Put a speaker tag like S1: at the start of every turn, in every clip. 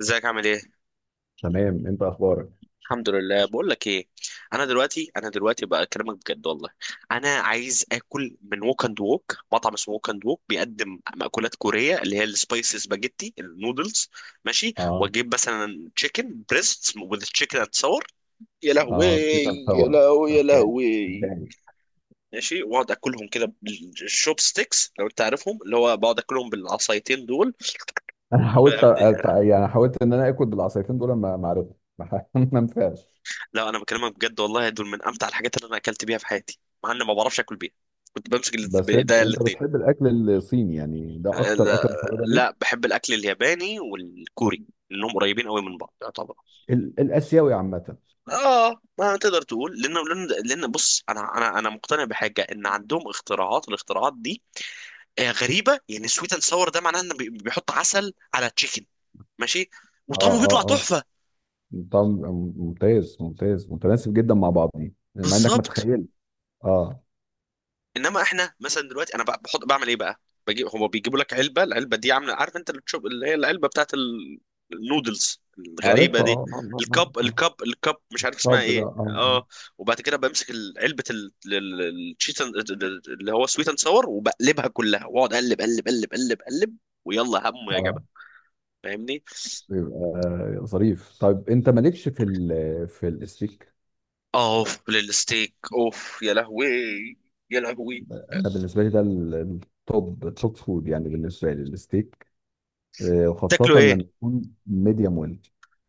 S1: ازيك؟ عامل ايه؟
S2: تمام، انت اخبارك؟
S1: الحمد لله. بقول لك ايه، انا دلوقتي بقى اكلمك بجد والله. انا عايز اكل من ووك اند ووك، مطعم اسمه ووك اند ووك، بيقدم مأكولات كوريه اللي هي السبايسي سباجيتي النودلز. ماشي،
S2: اه
S1: واجيب مثلا تشيكن بريست وذ تشيكن اند صور. يا لهوي
S2: اه كيف
S1: يا
S2: هتصور؟
S1: لهوي يا
S2: حكايه
S1: لهوي.
S2: حكايه.
S1: ماشي، واقعد اكلهم كده بالشوب ستيكس لو انت عارفهم، اللي هو بقعد اكلهم بالعصايتين دول.
S2: انا يعني حاولت ان انا اكل بالعصايتين دول، ما عرفتش. ما ما نفعش.
S1: لا، انا بكلمك بجد والله، دول من امتع الحاجات اللي انا اكلت بيها في حياتي. مع اني ما بعرفش اكل بيها. كنت بمسك
S2: بس انت
S1: بايديا
S2: انت
S1: الاثنين.
S2: بتحب الاكل الصيني؟ يعني ده اكتر
S1: لا,
S2: اكل محببه ليك؟
S1: لا، بحب الاكل الياباني والكوري لانهم قريبين قوي من بعض يعتبر.
S2: الاسيوي عامه.
S1: اه، ما تقدر تقول، لان لان لأن بص، انا مقتنع بحاجه، ان عندهم اختراعات، والاختراعات دي غريبه، يعني سويت اند ساور ده معناه انه بيحط عسل على تشيكن. ماشي،
S2: اه
S1: وطعمه
S2: اه
S1: بيطلع
S2: اه.
S1: تحفه.
S2: طب ممتاز، ممتاز، متناسب جدا مع بعضين، مع انك
S1: بالظبط.
S2: متخيل. اه.
S1: انما احنا مثلا دلوقتي انا بحط، بعمل ايه بقى؟ بجيب، هما بيجيبوا لك علبه، العلبه دي عامله، عارف انت اللي تشوف، اللي هي العلبه بتاعت النودلز الغريبه
S2: عارف،
S1: دي. الكب
S2: آه.
S1: الكب الكب مش عارف اسمها
S2: طب ده
S1: ايه،
S2: اه.
S1: اه. وبعد كده بمسك علبه الشيت اللي هو سويت اند ساور، وبقلبها كلها واقعد اقلب اقلب اقلب اقلب اقلب. ويلا هم
S2: اه،
S1: يا
S2: آه.
S1: جماعه. فاهمني؟
S2: يبقى ظريف. طيب انت مالكش في ال في الستيك؟
S1: اوف للستيك، اوف، يا لهوي يا لهوي.
S2: انا بالنسبه لي ده التوب، التوب فود يعني بالنسبه لي الستيك. آه، وخاصه
S1: تاكلوا ايه؟
S2: لما يكون ميديوم ويل.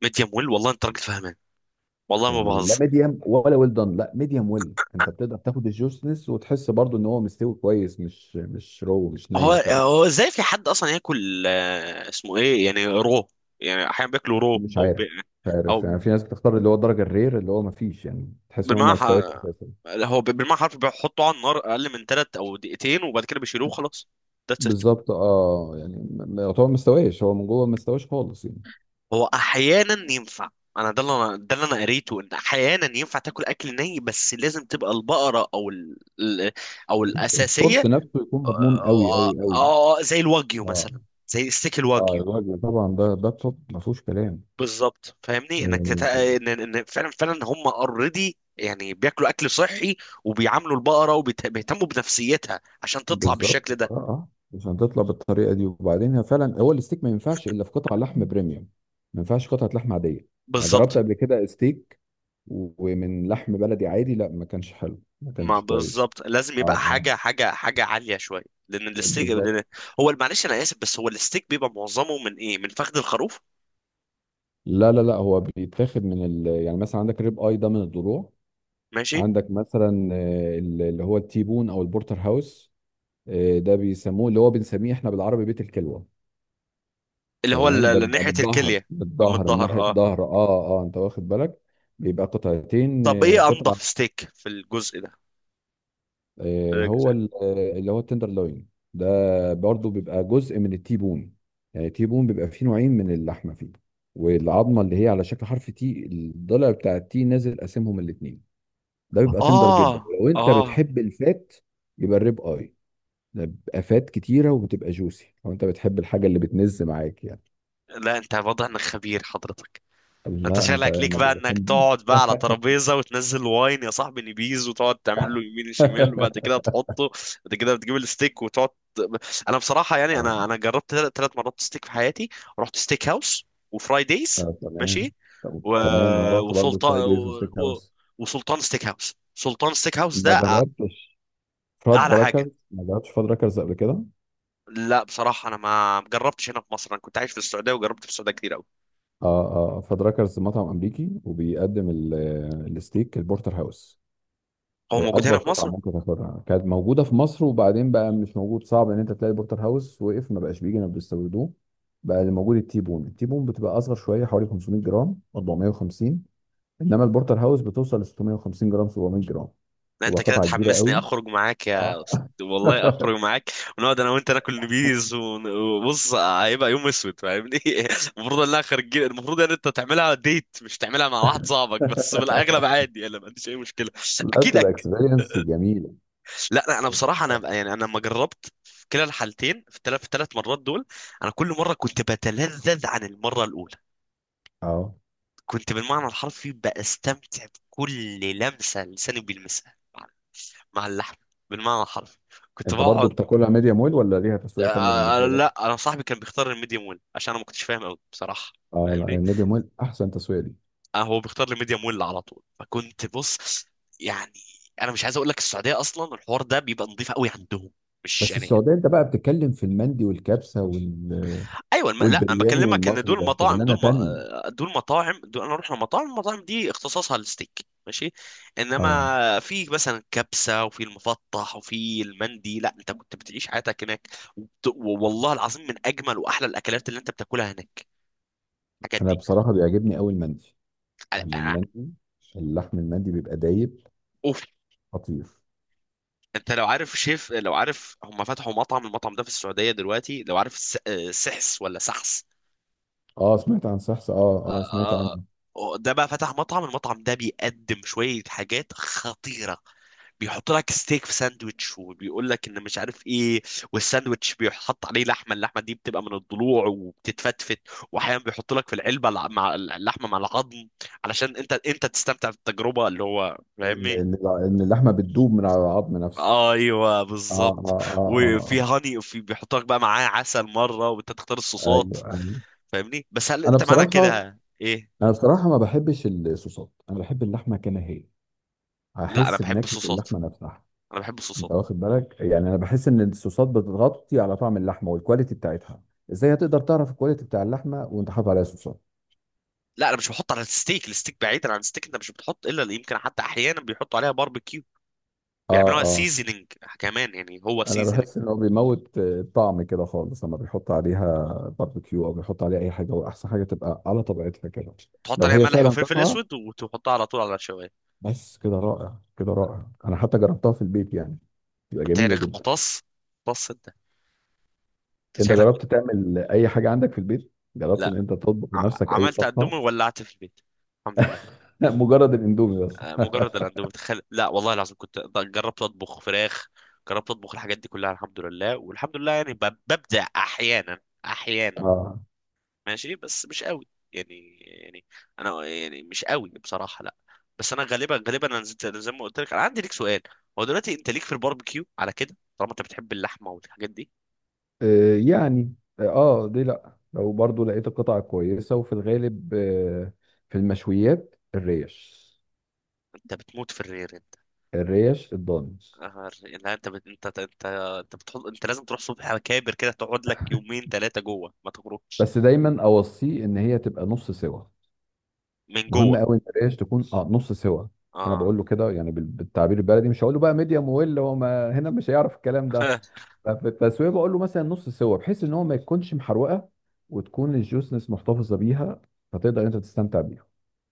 S1: ميديم ويل، والله انت راجل فاهمان، والله ما
S2: يعني لا
S1: بهزر.
S2: ميديوم ولا ويل دان، لا ميديوم ويل. انت بتقدر تاخد الجوسنس وتحس برضو ان هو مستوي كويس، مش رو، مش
S1: هو
S2: ني خالص.
S1: هو ازاي في حد اصلا ياكل، اسمه ايه يعني، رو؟ يعني احيانا بياكلوا رو
S2: مش
S1: او بي.
S2: عارف مش عارف.
S1: او
S2: يعني في ناس بتختار اللي هو الدرجه الرير، اللي هو ما فيش يعني، تحس ان هو ما
S1: بالمعنى
S2: استواش
S1: ح-
S2: اساسا.
S1: هو بالمعنى حرف بيحطوا على النار اقل من ثلاث او دقيقتين وبعد كده بيشيلوه وخلاص. ذاتس ات.
S2: بالظبط. اه يعني يعتبر ما استواش هو من جوه، ما استواش خالص يعني.
S1: هو احيانا ينفع. انا ده اللي انا، ده اللي انا قريته ان احيانا ينفع تاكل اكل ني، بس لازم تبقى البقره او او
S2: السورس
S1: الاساسيه.
S2: نفسه يكون مضمون، قوي
S1: آه،
S2: قوي
S1: آه،
S2: قوي.
S1: آه، زي الواجيو
S2: اه
S1: مثلا، زي ستيك
S2: اه.
S1: الواجيو.
S2: الوجبه طبعا ده، ده التوب ما فيهوش كلام.
S1: بالظبط، فاهمني انك
S2: آه،
S1: ان فعلا فعلا هم اوريدي يعني، بياكلوا اكل صحي. وبيعاملوا البقره وبيهتموا بنفسيتها عشان تطلع
S2: بالظبط.
S1: بالشكل
S2: اه
S1: ده.
S2: اه، عشان تطلع بالطريقه دي. وبعدين هي فعلا، هو الستيك ما ينفعش الا في قطع لحم بريميوم، ما ينفعش قطعه لحم عاديه. يعني جربت
S1: بالظبط.
S2: قبل كده ستيك ومن لحم بلدي عادي، لا ما كانش حلو، ما
S1: ما
S2: كانش كويس.
S1: بالظبط، لازم
S2: اه
S1: يبقى
S2: اه.
S1: حاجه حاجه عاليه شويه. لان الستيك، لأن،
S2: بالظبط.
S1: هو معلش انا اسف، بس هو الستيك بيبقى معظمه من ايه، من فخذ الخروف.
S2: لا لا لا، هو بيتاخد من ال... يعني مثلا عندك الريب اي، ده من الضلوع.
S1: ماشي،
S2: عندك مثلا آه، اللي هو التيبون او البورتر هاوس. آه، ده بيسموه اللي هو بنسميه احنا بالعربي بيت الكلوه.
S1: اللي هو
S2: تمام. ده بيبقى
S1: ناحيه
S2: بالظهر،
S1: الكليه، او من
S2: بالظهر من
S1: الظهر،
S2: ناحية
S1: اه.
S2: الظهر، اه اه انت واخد بالك. بيبقى قطعتين،
S1: طب
S2: آه،
S1: ايه انضف
S2: قطعة
S1: ستيك في الجزء ده، في
S2: آه، هو
S1: الجزء؟
S2: آه، اللي هو التندر لوين. ده برضو بيبقى جزء من التيبون. يعني التيبون بيبقى فيه نوعين من اللحمة فيه، والعظمة اللي هي على شكل حرف تي، الضلع بتاع التي نازل قاسمهم الاتنين. ده بيبقى تندر جدا.
S1: اه
S2: لو انت
S1: اه.
S2: بتحب الفات يبقى الريب اي، ده بيبقى فات كتيرة وبتبقى جوسي، لو انت بتحب الحاجة اللي بتنز معاك يعني.
S1: لا، انت واضح انك خبير حضرتك. انت
S2: لا
S1: شغلك ليك
S2: انا
S1: بقى انك
S2: باللحوم.
S1: تقعد بقى على ترابيزه وتنزل واين يا صاحبي نبيز وتقعد تعمل له يمين شمال وبعد كده تحطه. بعد كده بتجيب الستيك وتقعد. انا بصراحه يعني،
S2: اه،
S1: انا جربت 3 مرات ستيك في حياتي. رحت ستيك هاوس وفرايديز.
S2: آه، تمام.
S1: ماشي. و...
S2: تمام انا رحت برضو
S1: وسلطان
S2: فايف دايز
S1: و...
S2: وستيك
S1: و...
S2: هاوس.
S1: وسلطان ستيك هاوس، سلطان ستيك هاوس
S2: ما
S1: ده
S2: جربتش فاد
S1: اعلى حاجه.
S2: راكرز، ما جربتش فاد راكرز قبل كده.
S1: لا بصراحه، انا ما جربتش هنا في مصر، انا كنت عايش في السعوديه وجربت في السعوديه كتير قوي.
S2: اه اه، فاد راكرز مطعم امريكي وبيقدم آه، الستيك البورتر هاوس.
S1: هو
S2: آه،
S1: موجود
S2: اكبر
S1: هنا في
S2: قطعه
S1: مصر؟
S2: ممكن تاخدها كانت موجوده في مصر، وبعدين بقى مش موجود، صعب ان انت تلاقي البورتر هاوس، وقف ما بقاش بيجي، ما بيستوردوه. بقى اللي موجود التيبون، التيبون بتبقى اصغر شويه، حوالي 500 جرام، 450. انما البورتر هاوس بتوصل ل 650 جرام، 700 جرام.
S1: لا،
S2: تبقى
S1: انت كده
S2: قطعه كبيره
S1: تحمسني
S2: قوي.
S1: اخرج معاك
S2: اه.
S1: يا والله اخرج معاك. ونقعد انا وانت ناكل بيز وبص، هيبقى يوم اسود، فاهمني؟ المفروض انها خارجين، المفروض ان انت تعملها ديت، مش تعملها مع واحد صاحبك، بس في الاغلب عادي، انا ما عنديش اي مشكله.
S2: لا،
S1: اكيد
S2: بتبقى اكسبيرينس جميله.
S1: لا لا، انا بصراحه، انا يعني انا لما جربت في كلا الحالتين، في في الثلاث مرات دول، انا كل مره كنت بتلذذ عن المره الاولى.
S2: اه
S1: كنت بالمعنى الحرفي بستمتع بكل لمسه لساني بيلمسها مع مع اللحم، بالمعنى الحرفي. كنت
S2: انت برضو
S1: بقعد.
S2: بتاكلها ميديم ويل ولا ليها
S1: آه،
S2: تسويه تانية بالنسبه
S1: لا،
S2: لك؟
S1: انا صاحبي كان بيختار الميديوم ويل عشان انا ما كنتش فاهم قوي بصراحه.
S2: اه لا،
S1: فاهمني؟
S2: الميديم ويل احسن تسويه دي.
S1: هو بيختار الميديوم ويل على طول، فكنت بص. يعني انا مش عايز اقول لك، السعوديه اصلا الحوار ده بيبقى نظيف قوي عندهم، مش
S2: بس
S1: يعني.
S2: السعوديه انت بقى بتتكلم في المندي والكبسه وال...
S1: ايوه، لا، انا
S2: والبرياني
S1: بكلمك ان
S2: والمصري،
S1: دول
S2: ده
S1: مطاعم،
S2: شغلانه
S1: دول م...
S2: تانية.
S1: آه، دول مطاعم، دول انا اروح لمطاعم، المطاعم دي اختصاصها الستيك. ماشي.
S2: اه.
S1: انما في مثلا كبسه وفي المفطح وفي المندي، لا، انت كنت بتعيش حياتك هناك. والله العظيم من اجمل واحلى الاكلات اللي انت بتاكلها هناك الحاجات
S2: انا
S1: دي.
S2: بصراحه بيعجبني قوي المندي، يعني المندي، اللحم المندي بيبقى دايب،
S1: اوف.
S2: خطير.
S1: انت لو عارف شيف، لو عارف هم فتحوا مطعم، المطعم ده في السعوديه دلوقتي، لو عارف سحس، ولا سحس؟
S2: اه، سمعت عن سحسه، اه
S1: آه،
S2: اه سمعت
S1: آه،
S2: عنه.
S1: ده بقى فتح مطعم، المطعم ده بيقدم شويه حاجات خطيره. بيحط لك ستيك في ساندوتش وبيقول لك ان مش عارف ايه. والساندوتش بيحط عليه لحمه، اللحمه دي بتبقى من الضلوع وبتتفتفت. واحيانا بيحط لك في العلبه مع اللحمه مع العظم، علشان انت تستمتع بالتجربه، اللي هو
S2: ان
S1: فاهمني.
S2: ان إن اللحمه بتدوب من على العظم نفسه.
S1: ايوه
S2: اه
S1: بالظبط.
S2: اه
S1: وفي
S2: اه
S1: هاني، وفي بيحط لك بقى معاه عسل مره، وانت تختار
S2: اه آه.
S1: الصوصات،
S2: ايوه ايوه.
S1: فاهمني؟ بس هل
S2: انا
S1: انت معنى
S2: بصراحه
S1: كده ايه؟
S2: انا بصراحه ما بحبش الصوصات، انا بحب اللحمه كما هي،
S1: لا، انا
S2: هحس
S1: بحب
S2: بنكهه
S1: الصوصات،
S2: اللحمه نفسها.
S1: انا بحب الصوصات.
S2: انت واخد بالك؟ يعني انا بحس ان الصوصات بتغطي على طعم اللحمه والكواليتي بتاعتها. ازاي هتقدر تعرف الكواليتي بتاع اللحمه وانت حاطط عليها صوصات؟
S1: لا، انا مش بحط على الستيك، الستيك بعيدا عن الستيك انت مش بتحط، الا اللي يمكن حتى احيانا بيحطوا عليها باربيكيو،
S2: اه
S1: بيعملوها
S2: اه.
S1: سيزنينج كمان، يعني هو
S2: انا
S1: سيزنينج.
S2: بحس ان هو بيموت آه، الطعم كده خالص لما بيحط عليها باربيكيو او بيحط عليها اي حاجه. واحسن حاجه تبقى على طبيعتها كده،
S1: تحط
S2: لو
S1: عليها
S2: هي
S1: ملح
S2: فعلا
S1: وفلفل
S2: قطعه.
S1: اسود وتحطها على طول على الشوايه.
S2: بس كده رائع، كده رائع. انا حتى جربتها في البيت يعني، بتبقى
S1: انت يا
S2: جميله
S1: ريخ
S2: جدا.
S1: مقص، مقص انت، انت
S2: انت
S1: شكلك
S2: جربت تعمل اي حاجه عندك في البيت؟ جربت ان
S1: لا.
S2: انت تطبخ
S1: ع-
S2: بنفسك اي
S1: عملت
S2: طبخه؟
S1: قدومي وولعت في البيت، الحمد لله.
S2: لا، مجرد الاندومي بس.
S1: مجرد الاندومي، تخيل. لا والله العظيم كنت جربت اطبخ فراخ، جربت اطبخ الحاجات دي كلها، الحمد لله. والحمد لله يعني ببدع احيانا، احيانا.
S2: اه،
S1: ماشي بس مش قوي، يعني انا يعني مش قوي بصراحه، لا. بس انا غالبا غالبا انا زي ما قلت لك. انا عندي ليك سؤال. هو دلوقتي انت ليك في الباربيكيو على كده، طالما انت بتحب اللحمه والحاجات دي؟
S2: آه، يعني اه دي، لا لو برضو لقيت القطعة كويسة وفي الغالب آه، في المشويات الريش،
S1: انت بتموت في الرير انت.
S2: الريش الضاني.
S1: لا، انت انت بتحط، انت لازم تروح صبح على كابر كده، تقعد لك يومين ثلاثه جوه ما تخرجش.
S2: بس دايما اوصيه ان هي تبقى نص سوا،
S1: من
S2: مهم
S1: جوه،
S2: قوي ان الريش تكون اه نص سوا. انا
S1: اه.
S2: بقول له كده يعني بالتعبير البلدي، مش هقول له بقى ميديم ويل، هو ما هنا مش هيعرف الكلام ده. ففي التسويه بقول له مثلا نص سوا، بحيث ان هو ما يكونش محروقه وتكون الجوسنس محتفظه بيها فتقدر انت تستمتع بيها.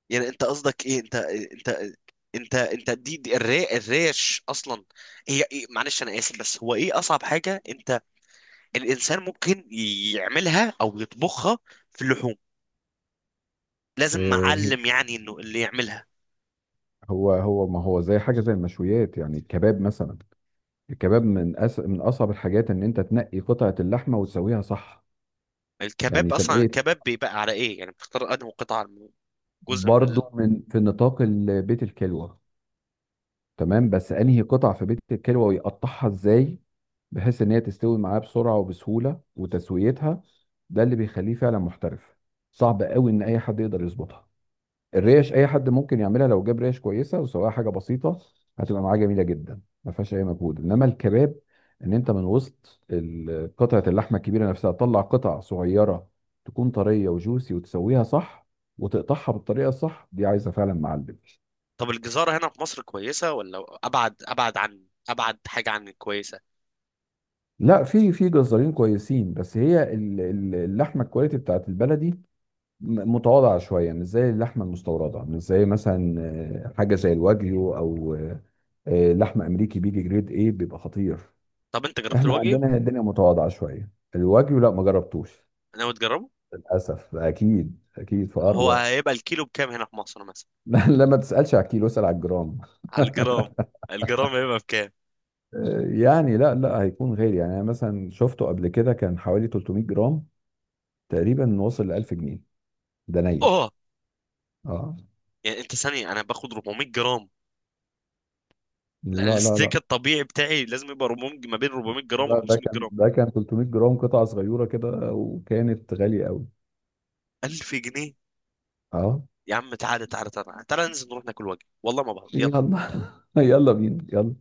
S1: يعني انت قصدك ايه؟ انت دي, دي الريش اصلا، هي ايه؟ معلش انا اسف، بس هو ايه اصعب حاجه انت، الانسان ممكن يعملها او يطبخها في اللحوم، لازم
S2: إيه،
S1: معلم يعني انه اللي يعملها؟
S2: هو ما هو زي حاجه زي المشويات يعني، الكباب مثلا. الكباب من من اصعب الحاجات ان انت تنقي قطعه اللحمه وتسويها صح. يعني
S1: الكباب اصلا،
S2: تنقيه
S1: الكباب بيبقى على ايه يعني، بتختار انه قطعه من، جزء من
S2: برضه من، في نطاق بيت الكلوه. تمام، بس انهي قطع في بيت الكلوة ويقطعها ازاي بحيث ان هي تستوي معاه بسرعة وبسهولة وتسويتها. ده اللي بيخليه فعلا محترف. صعب قوي ان اي حد يقدر يظبطها. الريش اي حد ممكن يعملها، لو جاب ريش كويسة وسواها حاجة بسيطة هتبقى معاه جميلة جدا، ما فيهاش اي مجهود. انما الكباب، ان انت من وسط قطعة اللحمة الكبيرة نفسها تطلع قطع صغيرة تكون طرية وجوسي وتسويها صح، وتقطعها بالطريقة الصح، دي عايزة فعلا معلم.
S1: طب الجزاره هنا في مصر كويسه ولا ابعد، ابعد عن ابعد حاجه عن الكويسه؟
S2: لا، في في جزارين كويسين، بس هي اللحمه الكواليتي بتاعت البلدي متواضعه شويه، مش زي اللحمه المستورده، مش زي مثلا آه، حاجه زي الواجيو او آه، آه، لحم امريكي بيجي جريد ايه، بيبقى خطير.
S1: طب انت جربت
S2: احنا
S1: الوجه؟
S2: عندنا هنا الدنيا متواضعه شويه. الواجيو لا ما جربتوش،
S1: ناوي تجربه؟
S2: للاسف. اكيد اكيد في اقرب
S1: هو
S2: وقت.
S1: هيبقى الكيلو بكام هنا في مصر مثلا؟
S2: لا لا، ما تسالش على الكيلو، اسال على الجرام.
S1: على الجرام، الجرام هيبقى بكام؟
S2: آه، يعني لا لا هيكون غالي. يعني انا مثلا شفته قبل كده، كان حوالي 300 جرام تقريبا، وصل ل 1000 جنيه. ده ني.
S1: اه،
S2: اه.
S1: يعني انت ثانيه، انا باخد 400 جرام. لا،
S2: لا لا
S1: الستيك
S2: لا،
S1: الطبيعي بتاعي لازم يبقى 400، ما بين 400 جرام و
S2: ده، ده
S1: 500
S2: كان،
S1: جرام.
S2: ده كان 300 جرام قطعة صغيرة كده، وكانت غالية قوي.
S1: 1000 جنيه.
S2: اه.
S1: يا عم تعالى تعالى تعالى تعالى، ننزل نروح ناكل وجبه، والله ما بعرف. يلا.
S2: يلا. يلا بينا، يلا.